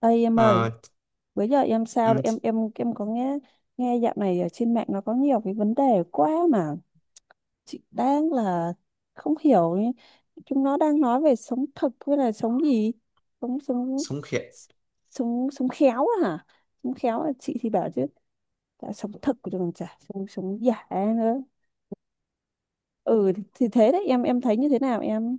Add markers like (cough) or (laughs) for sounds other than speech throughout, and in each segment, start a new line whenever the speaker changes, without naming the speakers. Ê em ơi,
Ờ,
bữa giờ em sao rồi?
ừm,
Em có nghe nghe dạo này ở trên mạng nó có nhiều cái vấn đề quá mà chị đang là không hiểu ý. Chúng nó đang nói về sống thực với là sống gì? Sống sống
sống khéo.
sống sống khéo á hả? Sống khéo là chị thì bảo chứ đã sống thực của còn chả sống sống giả nữa. Ừ thì thế đấy em thấy như thế nào em?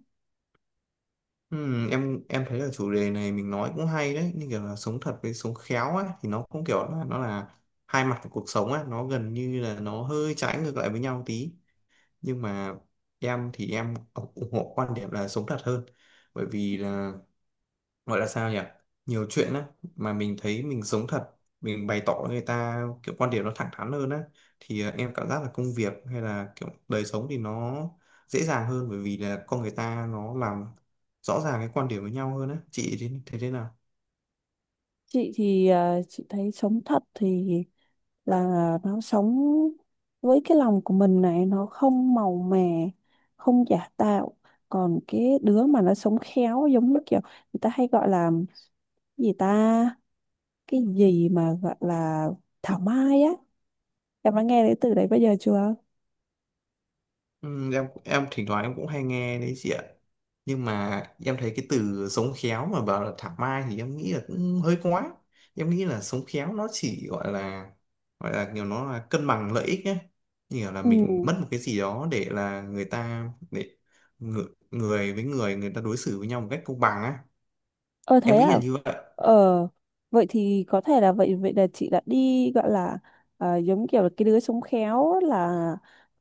Em thấy là chủ đề này mình nói cũng hay đấy, như kiểu là sống thật với sống khéo ấy thì nó cũng kiểu là nó là hai mặt của cuộc sống ấy, nó gần như là nó hơi trái ngược lại với nhau tí, nhưng mà em thì em ủng ủng hộ quan điểm là sống thật hơn, bởi vì là gọi là sao nhỉ, nhiều chuyện á mà mình thấy mình giống thật, mình bày tỏ với người ta kiểu quan điểm nó thẳng thắn hơn á, thì em cảm giác là công việc hay là kiểu đời sống thì nó dễ dàng hơn, bởi vì là con người ta nó làm rõ ràng cái quan điểm với nhau hơn á. Chị thì thế thế nào?
Chị thì chị thấy sống thật thì là nó sống với cái lòng của mình này, nó không màu mè, không giả tạo. Còn cái đứa mà nó sống khéo giống như kiểu người ta hay gọi là gì ta, cái gì mà gọi là thảo mai á, em đã nghe đến từ đấy bây giờ chưa?
Ừ, em thỉnh thoảng em cũng hay nghe đấy chị ạ, nhưng mà em thấy cái từ sống khéo mà bảo là thảo mai thì em nghĩ là cũng hơi quá. Em nghĩ là sống khéo nó chỉ gọi là, gọi là kiểu nó là cân bằng lợi ích nhé, kiểu là mình
Ừ.
mất một cái gì đó để là người ta để người, người với người người ta đối xử với nhau một cách công bằng á.
Ờ thế
Em nghĩ là
à?
như vậy.
Ờ vậy thì có thể là vậy vậy là chị đã đi gọi là, à, giống kiểu là cái đứa sống khéo á, là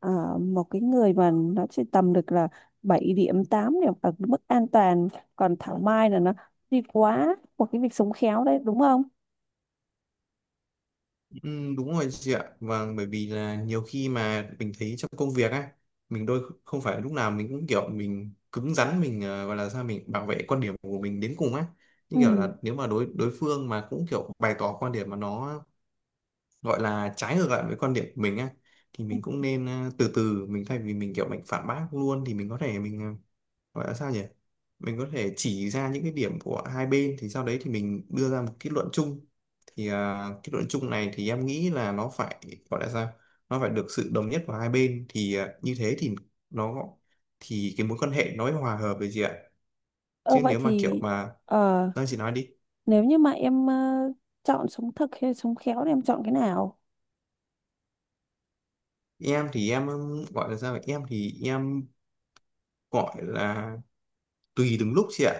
à, một cái người mà nó sẽ tầm được là 7 điểm 8 điểm ở mức an toàn, còn Thảo Mai là nó đi quá một cái việc sống khéo đấy đúng không?
Ừ, đúng rồi chị ạ. Vâng, bởi vì là nhiều khi mà mình thấy trong công việc á, mình đôi không phải lúc nào mình cũng kiểu mình cứng rắn mình gọi là sao mình bảo vệ quan điểm của mình đến cùng á.
Ừ.
Nhưng kiểu là nếu mà đối đối phương mà cũng kiểu bày tỏ quan điểm mà nó gọi là trái ngược lại với quan điểm của mình á, thì mình cũng nên từ từ mình thay vì mình kiểu mình phản bác luôn, thì mình có thể mình gọi là sao nhỉ, mình có thể chỉ ra những cái điểm của hai bên, thì sau đấy thì mình đưa ra một kết luận chung. Thì à, kết luận chung này thì em nghĩ là nó phải gọi là sao, nó phải được sự đồng nhất của hai bên, thì à, như thế thì nó thì cái mối quan hệ nó mới hòa hợp với chị ạ.
Ờ
Chứ
vậy
nếu mà kiểu
thì
mà
ờ,
đang chị nói đi.
nếu như mà em chọn sống thực hay sống khéo thì em chọn cái nào?
Em thì em gọi là sao vậy? Em thì em gọi là tùy từng lúc chị ạ.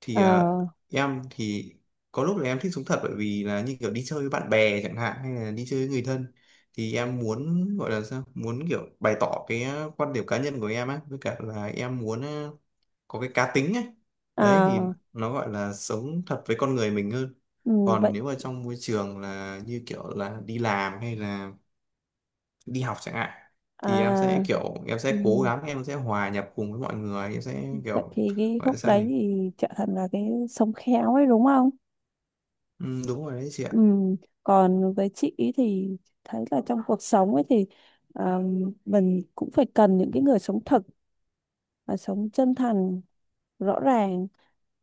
Thì
Ờ.
em thì có lúc là em thích sống thật, bởi vì là như kiểu đi chơi với bạn bè chẳng hạn hay là đi chơi với người thân, thì em muốn gọi là sao muốn kiểu bày tỏ cái quan điểm cá nhân của em á, với cả là em muốn có cái cá tính ấy. Đấy thì
À.
nó gọi là sống thật với con người mình hơn.
Ừ. Vậy.
Còn nếu mà trong môi trường là như kiểu là đi làm hay là đi học chẳng hạn, thì em sẽ
À.
kiểu em
Ừ.
sẽ cố gắng em sẽ hòa nhập cùng với mọi người, em sẽ
Vậy
kiểu
thì cái
gọi là
khúc
sao
đấy
nhỉ.
thì trở thành là cái sống khéo ấy đúng không?
Ừ, đúng rồi đấy chị ạ.
Ừ. Còn với chị ý thì thấy là trong cuộc sống ấy thì à, mình cũng phải cần những cái người sống thật và sống chân thành, rõ ràng,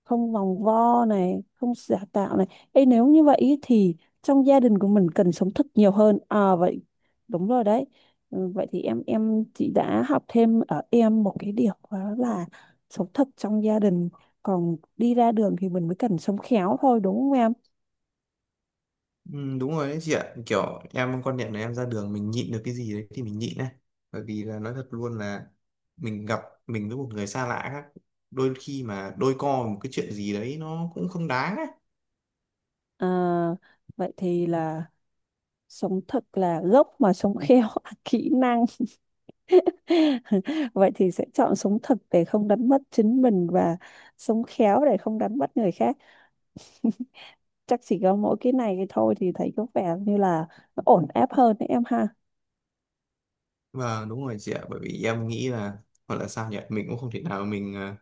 không vòng vo này, không giả tạo này. Ê, nếu như vậy ý thì trong gia đình của mình cần sống thật nhiều hơn à? Vậy đúng rồi đấy. Ừ, vậy thì em chị đã học thêm ở em một cái điều đó là sống thật trong gia đình, còn đi ra đường thì mình mới cần sống khéo thôi đúng không em?
Ừ, đúng rồi đấy chị ạ, kiểu em quan niệm là em ra đường mình nhịn được cái gì đấy thì mình nhịn đấy, bởi vì là nói thật luôn là mình gặp mình với một người xa lạ khác, đôi khi mà đôi co một cái chuyện gì đấy nó cũng không đáng ấy.
À, vậy thì là sống thật là gốc mà sống khéo là kỹ năng. (laughs) Vậy thì sẽ chọn sống thật để không đánh mất chính mình và sống khéo để không đánh mất người khác. (laughs) Chắc chỉ có mỗi cái này cái thôi thì thấy có vẻ như là nó ổn áp hơn đấy em ha.
Và đúng rồi chị ạ, bởi vì em nghĩ là gọi là sao nhỉ, mình cũng không thể nào mình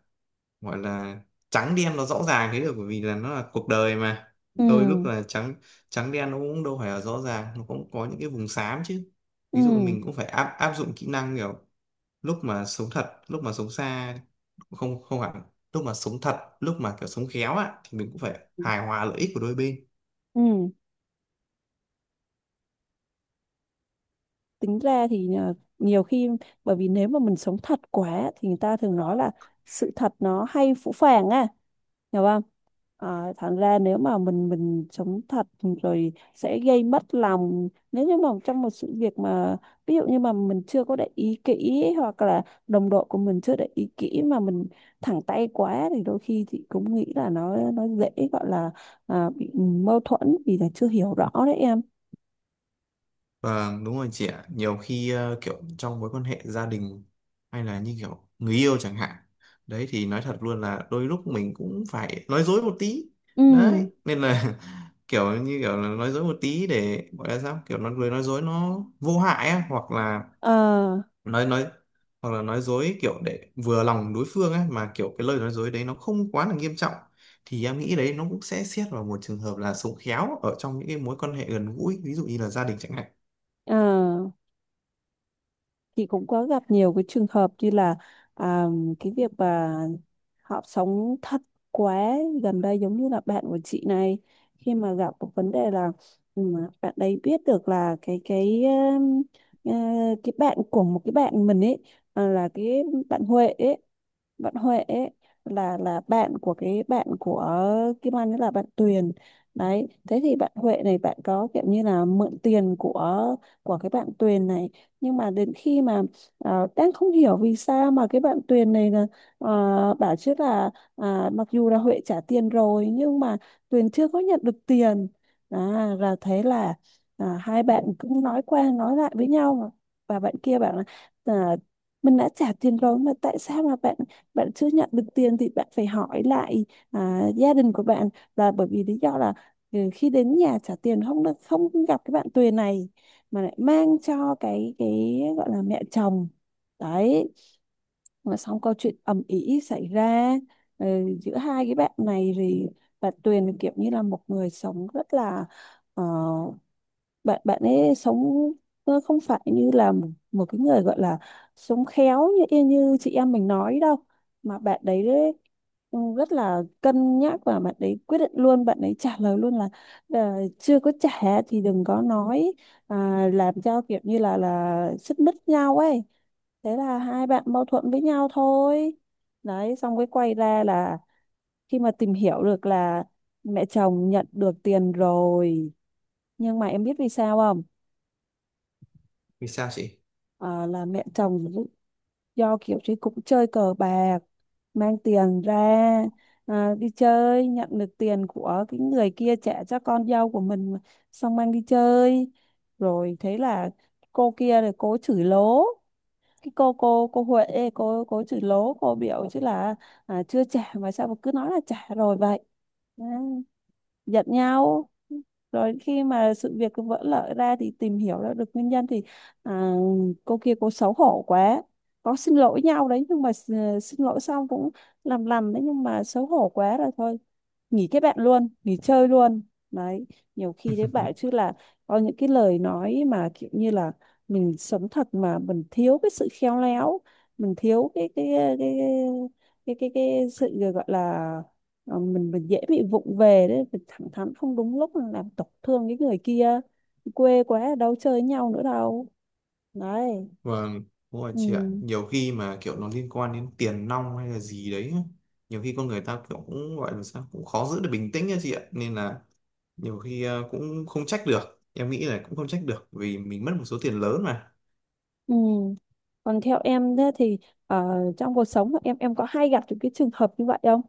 gọi là trắng đen nó rõ ràng thế được, bởi vì là nó là cuộc đời mà, đôi lúc
Ừ.
là trắng trắng đen nó cũng đâu phải là rõ ràng, nó cũng có những cái vùng xám chứ. Ví dụ
Ừ.
mình cũng phải áp áp dụng kỹ năng kiểu lúc mà sống thật lúc mà sống xa, không, không hẳn, lúc mà sống thật lúc mà kiểu sống khéo á, thì mình cũng phải hài hòa lợi ích của đôi bên.
Ừ. Tính ra thì à, nhiều khi bởi vì nếu mà mình sống thật quá thì người ta thường nói là sự thật nó hay phũ phàng á, hiểu không? À, thành ra nếu mà mình sống thật rồi sẽ gây mất lòng nếu như mà trong một sự việc mà ví dụ như mà mình chưa có để ý kỹ hoặc là đồng đội của mình chưa để ý kỹ mà mình thẳng tay quá thì đôi khi chị cũng nghĩ là nó dễ gọi là, à, bị mâu thuẫn vì là chưa hiểu rõ đấy em.
Vâng, đúng rồi chị ạ, nhiều khi kiểu trong mối quan hệ gia đình hay là như kiểu người yêu chẳng hạn, đấy thì nói thật luôn là đôi lúc mình cũng phải nói dối một tí.
Ừ.
Đấy nên là (laughs) kiểu như kiểu là nói dối một tí để gọi là sao, kiểu nói lời nói dối nó vô hại á, hoặc là nói hoặc là nói dối kiểu để vừa lòng đối phương ấy mà kiểu cái lời nói dối đấy nó không quá là nghiêm trọng, thì em nghĩ đấy nó cũng sẽ xét vào một trường hợp là sống khéo ở trong những cái mối quan hệ gần gũi, ví dụ như là gia đình chẳng hạn.
À, chị cũng có gặp nhiều cái trường hợp như là, à, cái việc mà họ sống thật quá. Gần đây giống như là bạn của chị này, khi mà gặp một vấn đề là, ừ, bạn đấy biết được là cái ờ, cái bạn của một cái bạn mình ấy, à, là cái bạn Huệ ấy bạn Huệ ấy là bạn của cái bạn của Kim Anh ấy, là bạn Tuyền. Đấy thế thì bạn Huệ này bạn có kiểu như là mượn tiền của cái bạn Tuyền này. Nhưng mà đến khi mà đang không hiểu vì sao mà cái bạn Tuyền này là bảo chứ là, à, mặc dù là Huệ trả tiền rồi nhưng mà Tuyền chưa có nhận được tiền. À, là thế là, à, hai bạn cũng nói qua nói lại với nhau mà. Và bạn kia bảo là, à, mình đã trả tiền rồi mà tại sao mà bạn bạn chưa nhận được tiền thì bạn phải hỏi lại, à, gia đình của bạn là bởi vì lý do là, ừ, khi đến nhà trả tiền không được, không gặp cái bạn Tuyền này mà lại mang cho cái gọi là mẹ chồng đấy. Mà xong câu chuyện ầm ĩ xảy ra, ừ, giữa hai cái bạn này thì bà Tuyền kiểu như là một người sống rất là ờ, bạn bạn ấy sống không phải như là một cái người gọi là sống khéo như như chị em mình nói đâu. Mà bạn đấy, rất là cân nhắc và bạn đấy quyết định luôn, bạn ấy trả lời luôn là, chưa có trả thì đừng có nói, à, làm cho kiểu như là xích mích nhau ấy. Thế là hai bạn mâu thuẫn với nhau thôi đấy, xong cái quay ra là khi mà tìm hiểu được là mẹ chồng nhận được tiền rồi. Nhưng mà em biết vì sao không?
Vì sao chị?
Ờ, là mẹ chồng do kiểu chứ cũng chơi cờ bạc, mang tiền ra, à, đi chơi nhận được tiền của cái người kia trả cho con dâu của mình mà, xong mang đi chơi rồi. Thế là cô kia rồi cô chửi lố cái cô Huệ ấy, cô chửi lố, cô biểu chứ là, à, chưa trả mà sao mà cứ nói là trả rồi vậy, giận nhau. Rồi khi mà sự việc cứ vỡ lở ra thì tìm hiểu ra được nguyên nhân thì, à, cô kia cô xấu hổ quá, có xin lỗi nhau đấy nhưng mà xin lỗi xong cũng làm lầm đấy, nhưng mà xấu hổ quá rồi thôi, nghỉ kết bạn luôn, nghỉ chơi luôn đấy. Nhiều khi đấy bảo chứ
(laughs)
là có những cái lời nói mà kiểu như là mình sống thật mà mình thiếu cái sự khéo léo, mình thiếu cái cái cái sự gọi là, mình dễ bị vụng về đấy, mình thẳng thắn không đúng lúc là làm tổn thương cái người kia, quê quá đâu chơi với nhau nữa đâu đấy.
Vâng, đúng rồi
Ừ.
chị ạ, nhiều khi mà kiểu nó liên quan đến tiền nong hay là gì đấy, nhiều khi con người ta kiểu cũng gọi là sao cũng khó giữ được bình tĩnh nha chị ạ, nên là nhiều khi cũng không trách được, em nghĩ là cũng không trách được vì mình mất một số tiền lớn mà.
Ừ. Còn theo em thế thì ờ, trong cuộc sống của em có hay gặp những cái trường hợp như vậy không?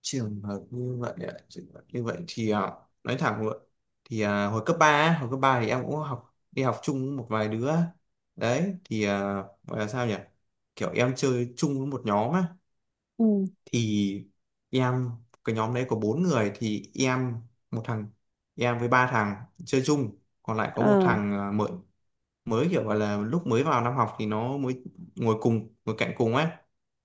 Trường hợp như vậy ạ? Trường hợp như vậy thì à, nói thẳng luôn thì à, hồi cấp 3 thì em cũng học đi học chung với một vài đứa. Đấy thì à, gọi là sao nhỉ, kiểu em chơi chung với một nhóm á.
Ừ.
Thì em cái nhóm đấy có bốn người, thì em một thằng, em với ba thằng chơi chung, còn lại có một
À.
thằng mới, kiểu gọi là lúc mới vào năm học thì nó mới ngồi cùng ngồi cạnh cùng ấy.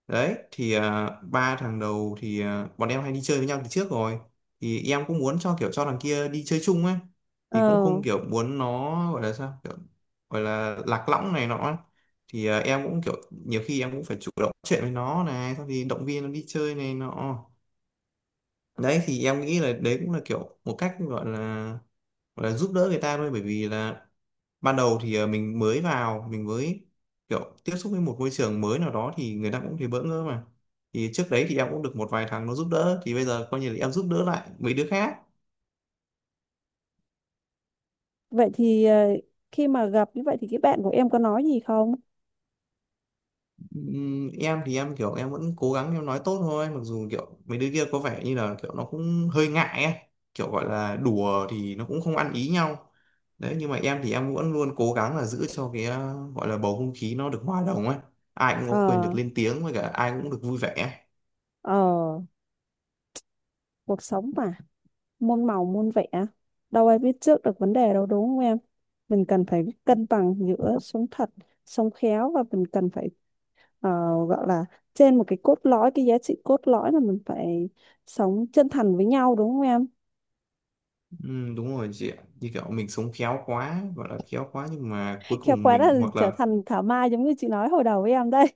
Đấy thì à, ba thằng đầu thì à, bọn em hay đi chơi với nhau từ trước rồi, thì em cũng muốn cho kiểu cho thằng kia đi chơi chung ấy. Thì cũng
Ờ.
không kiểu muốn nó gọi là sao kiểu, gọi là lạc lõng này nọ ấy. Thì à, em cũng kiểu nhiều khi em cũng phải chủ động chuyện với nó này, xong thì động viên nó đi chơi này nọ. Đấy thì em nghĩ là đấy cũng là kiểu một cách gọi là, gọi là giúp đỡ người ta thôi, bởi vì là ban đầu thì mình mới vào mình mới kiểu tiếp xúc với một môi trường mới nào đó thì người ta cũng thấy bỡ ngỡ mà. Thì trước đấy thì em cũng được một vài thằng nó giúp đỡ, thì bây giờ coi như là em giúp đỡ lại mấy đứa khác.
Vậy thì khi mà gặp như vậy thì cái bạn của em có nói gì không?
Em thì em kiểu em vẫn cố gắng em nói tốt thôi, mặc dù kiểu mấy đứa kia có vẻ như là kiểu nó cũng hơi ngại ấy. Kiểu gọi là đùa thì nó cũng không ăn ý nhau. Đấy nhưng mà em thì em vẫn luôn cố gắng là giữ cho cái gọi là bầu không khí nó được hòa đồng ấy, ai cũng
ờ
có quyền được lên tiếng với cả ai cũng được vui vẻ.
ờ Cuộc sống mà, môn màu môn vẽ, đâu ai biết trước được vấn đề đâu đúng không em? Mình cần phải cân bằng giữa sống thật, sống khéo và mình cần phải ờ, gọi là trên một cái cốt lõi, cái giá trị cốt lõi là mình phải sống chân thành với nhau đúng không em?
Ừ, đúng rồi chị ạ, như kiểu mình sống khéo quá, gọi là khéo quá, nhưng mà cuối
(laughs) Khéo
cùng
quá là
mình hoặc
trở
là
thành thảo mai giống như chị nói hồi đầu với em đây.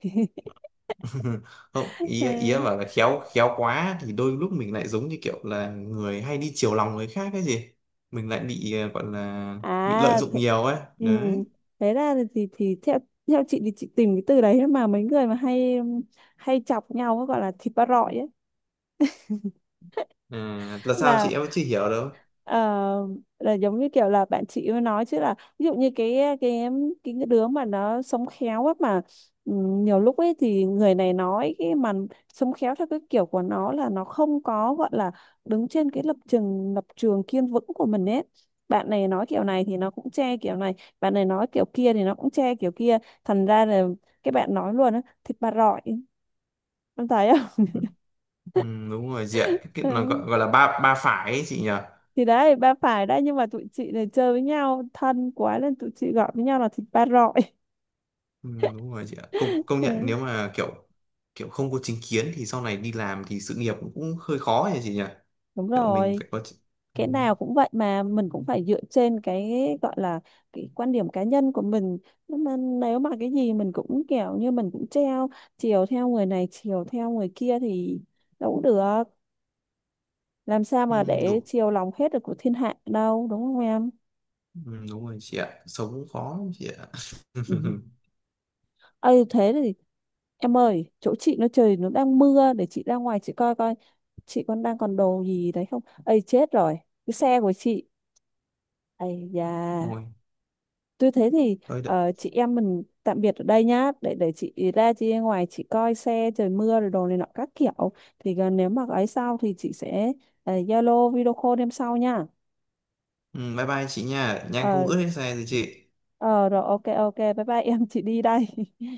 (laughs) không, ý ý em bảo là
(laughs)
khéo khéo quá thì đôi lúc mình lại giống như kiểu là người hay đi chiều lòng người khác cái gì, mình lại bị gọi là bị lợi
à
dụng
th-
nhiều ấy
ừ.
đấy.
Thế ra thì theo theo chị thì chị tìm cái từ đấy mà mấy người mà hay hay chọc nhau gọi là thịt ba rọi ấy.
À, là sao
là
chị, em vẫn chưa hiểu đâu.
ờ, là giống như kiểu là bạn chị mới nói chứ là ví dụ như cái đứa mà nó sống khéo á mà, ừ, nhiều lúc ấy thì người này nói cái mà sống khéo theo cái kiểu của nó là nó không có gọi là đứng trên cái lập trường kiên vững của mình ấy. Bạn này nói kiểu này thì nó cũng che kiểu này, bạn này nói kiểu kia thì nó cũng che kiểu kia, thành ra là cái bạn nói luôn á thịt bà rọi, em thấy.
Ừ, đúng rồi chị ạ, cái nó
Không.
gọi,
(laughs)
gọi là ba ba phải ấy, chị nhỉ?
Thì đấy ba phải đấy nhưng mà tụi chị này chơi với nhau thân quá nên tụi chị gọi với nhau là thịt ba rọi.
Ừ, đúng rồi chị ạ, công
(laughs)
công nhận,
Ừ,
nếu mà kiểu kiểu không có chính kiến thì sau này đi làm thì sự nghiệp cũng hơi khó nhỉ chị nhỉ,
đúng
kiểu mình
rồi,
phải có chị- Ừ.
cái nào cũng vậy mà mình cũng phải dựa trên cái gọi là cái quan điểm cá nhân của mình, nhưng mà nếu mà cái gì mình cũng kiểu như mình cũng treo, chiều theo người này chiều theo người kia thì đâu cũng được, làm sao
Ừ,
mà để
đúng.
chiều lòng hết được của thiên hạ đâu đúng không em?
Ừ, đúng rồi chị ạ, sống cũng khó lắm chị ạ.
Ừ.
(laughs)
Ừ thế thì em ơi, chỗ chị nó trời nó đang mưa, để chị ra ngoài chị coi coi chị còn đang còn đồ gì đấy không ấy, chết rồi cái xe của chị ấy da.
Thôi.
Tôi thế thì
Thôi đợi-
chị em mình tạm biệt ở đây nhá, để chị ra ngoài chị coi xe trời mưa rồi đồ này nọ các kiểu, thì gần nếu mà ấy sau thì chị sẽ Zalo video call em sau nha.
Ừ, bye bye chị nha, nhang không
Ờ,
ướt hết xe rồi chị.
ờ rồi, ok ok, bye bye em chị đi đây. (laughs)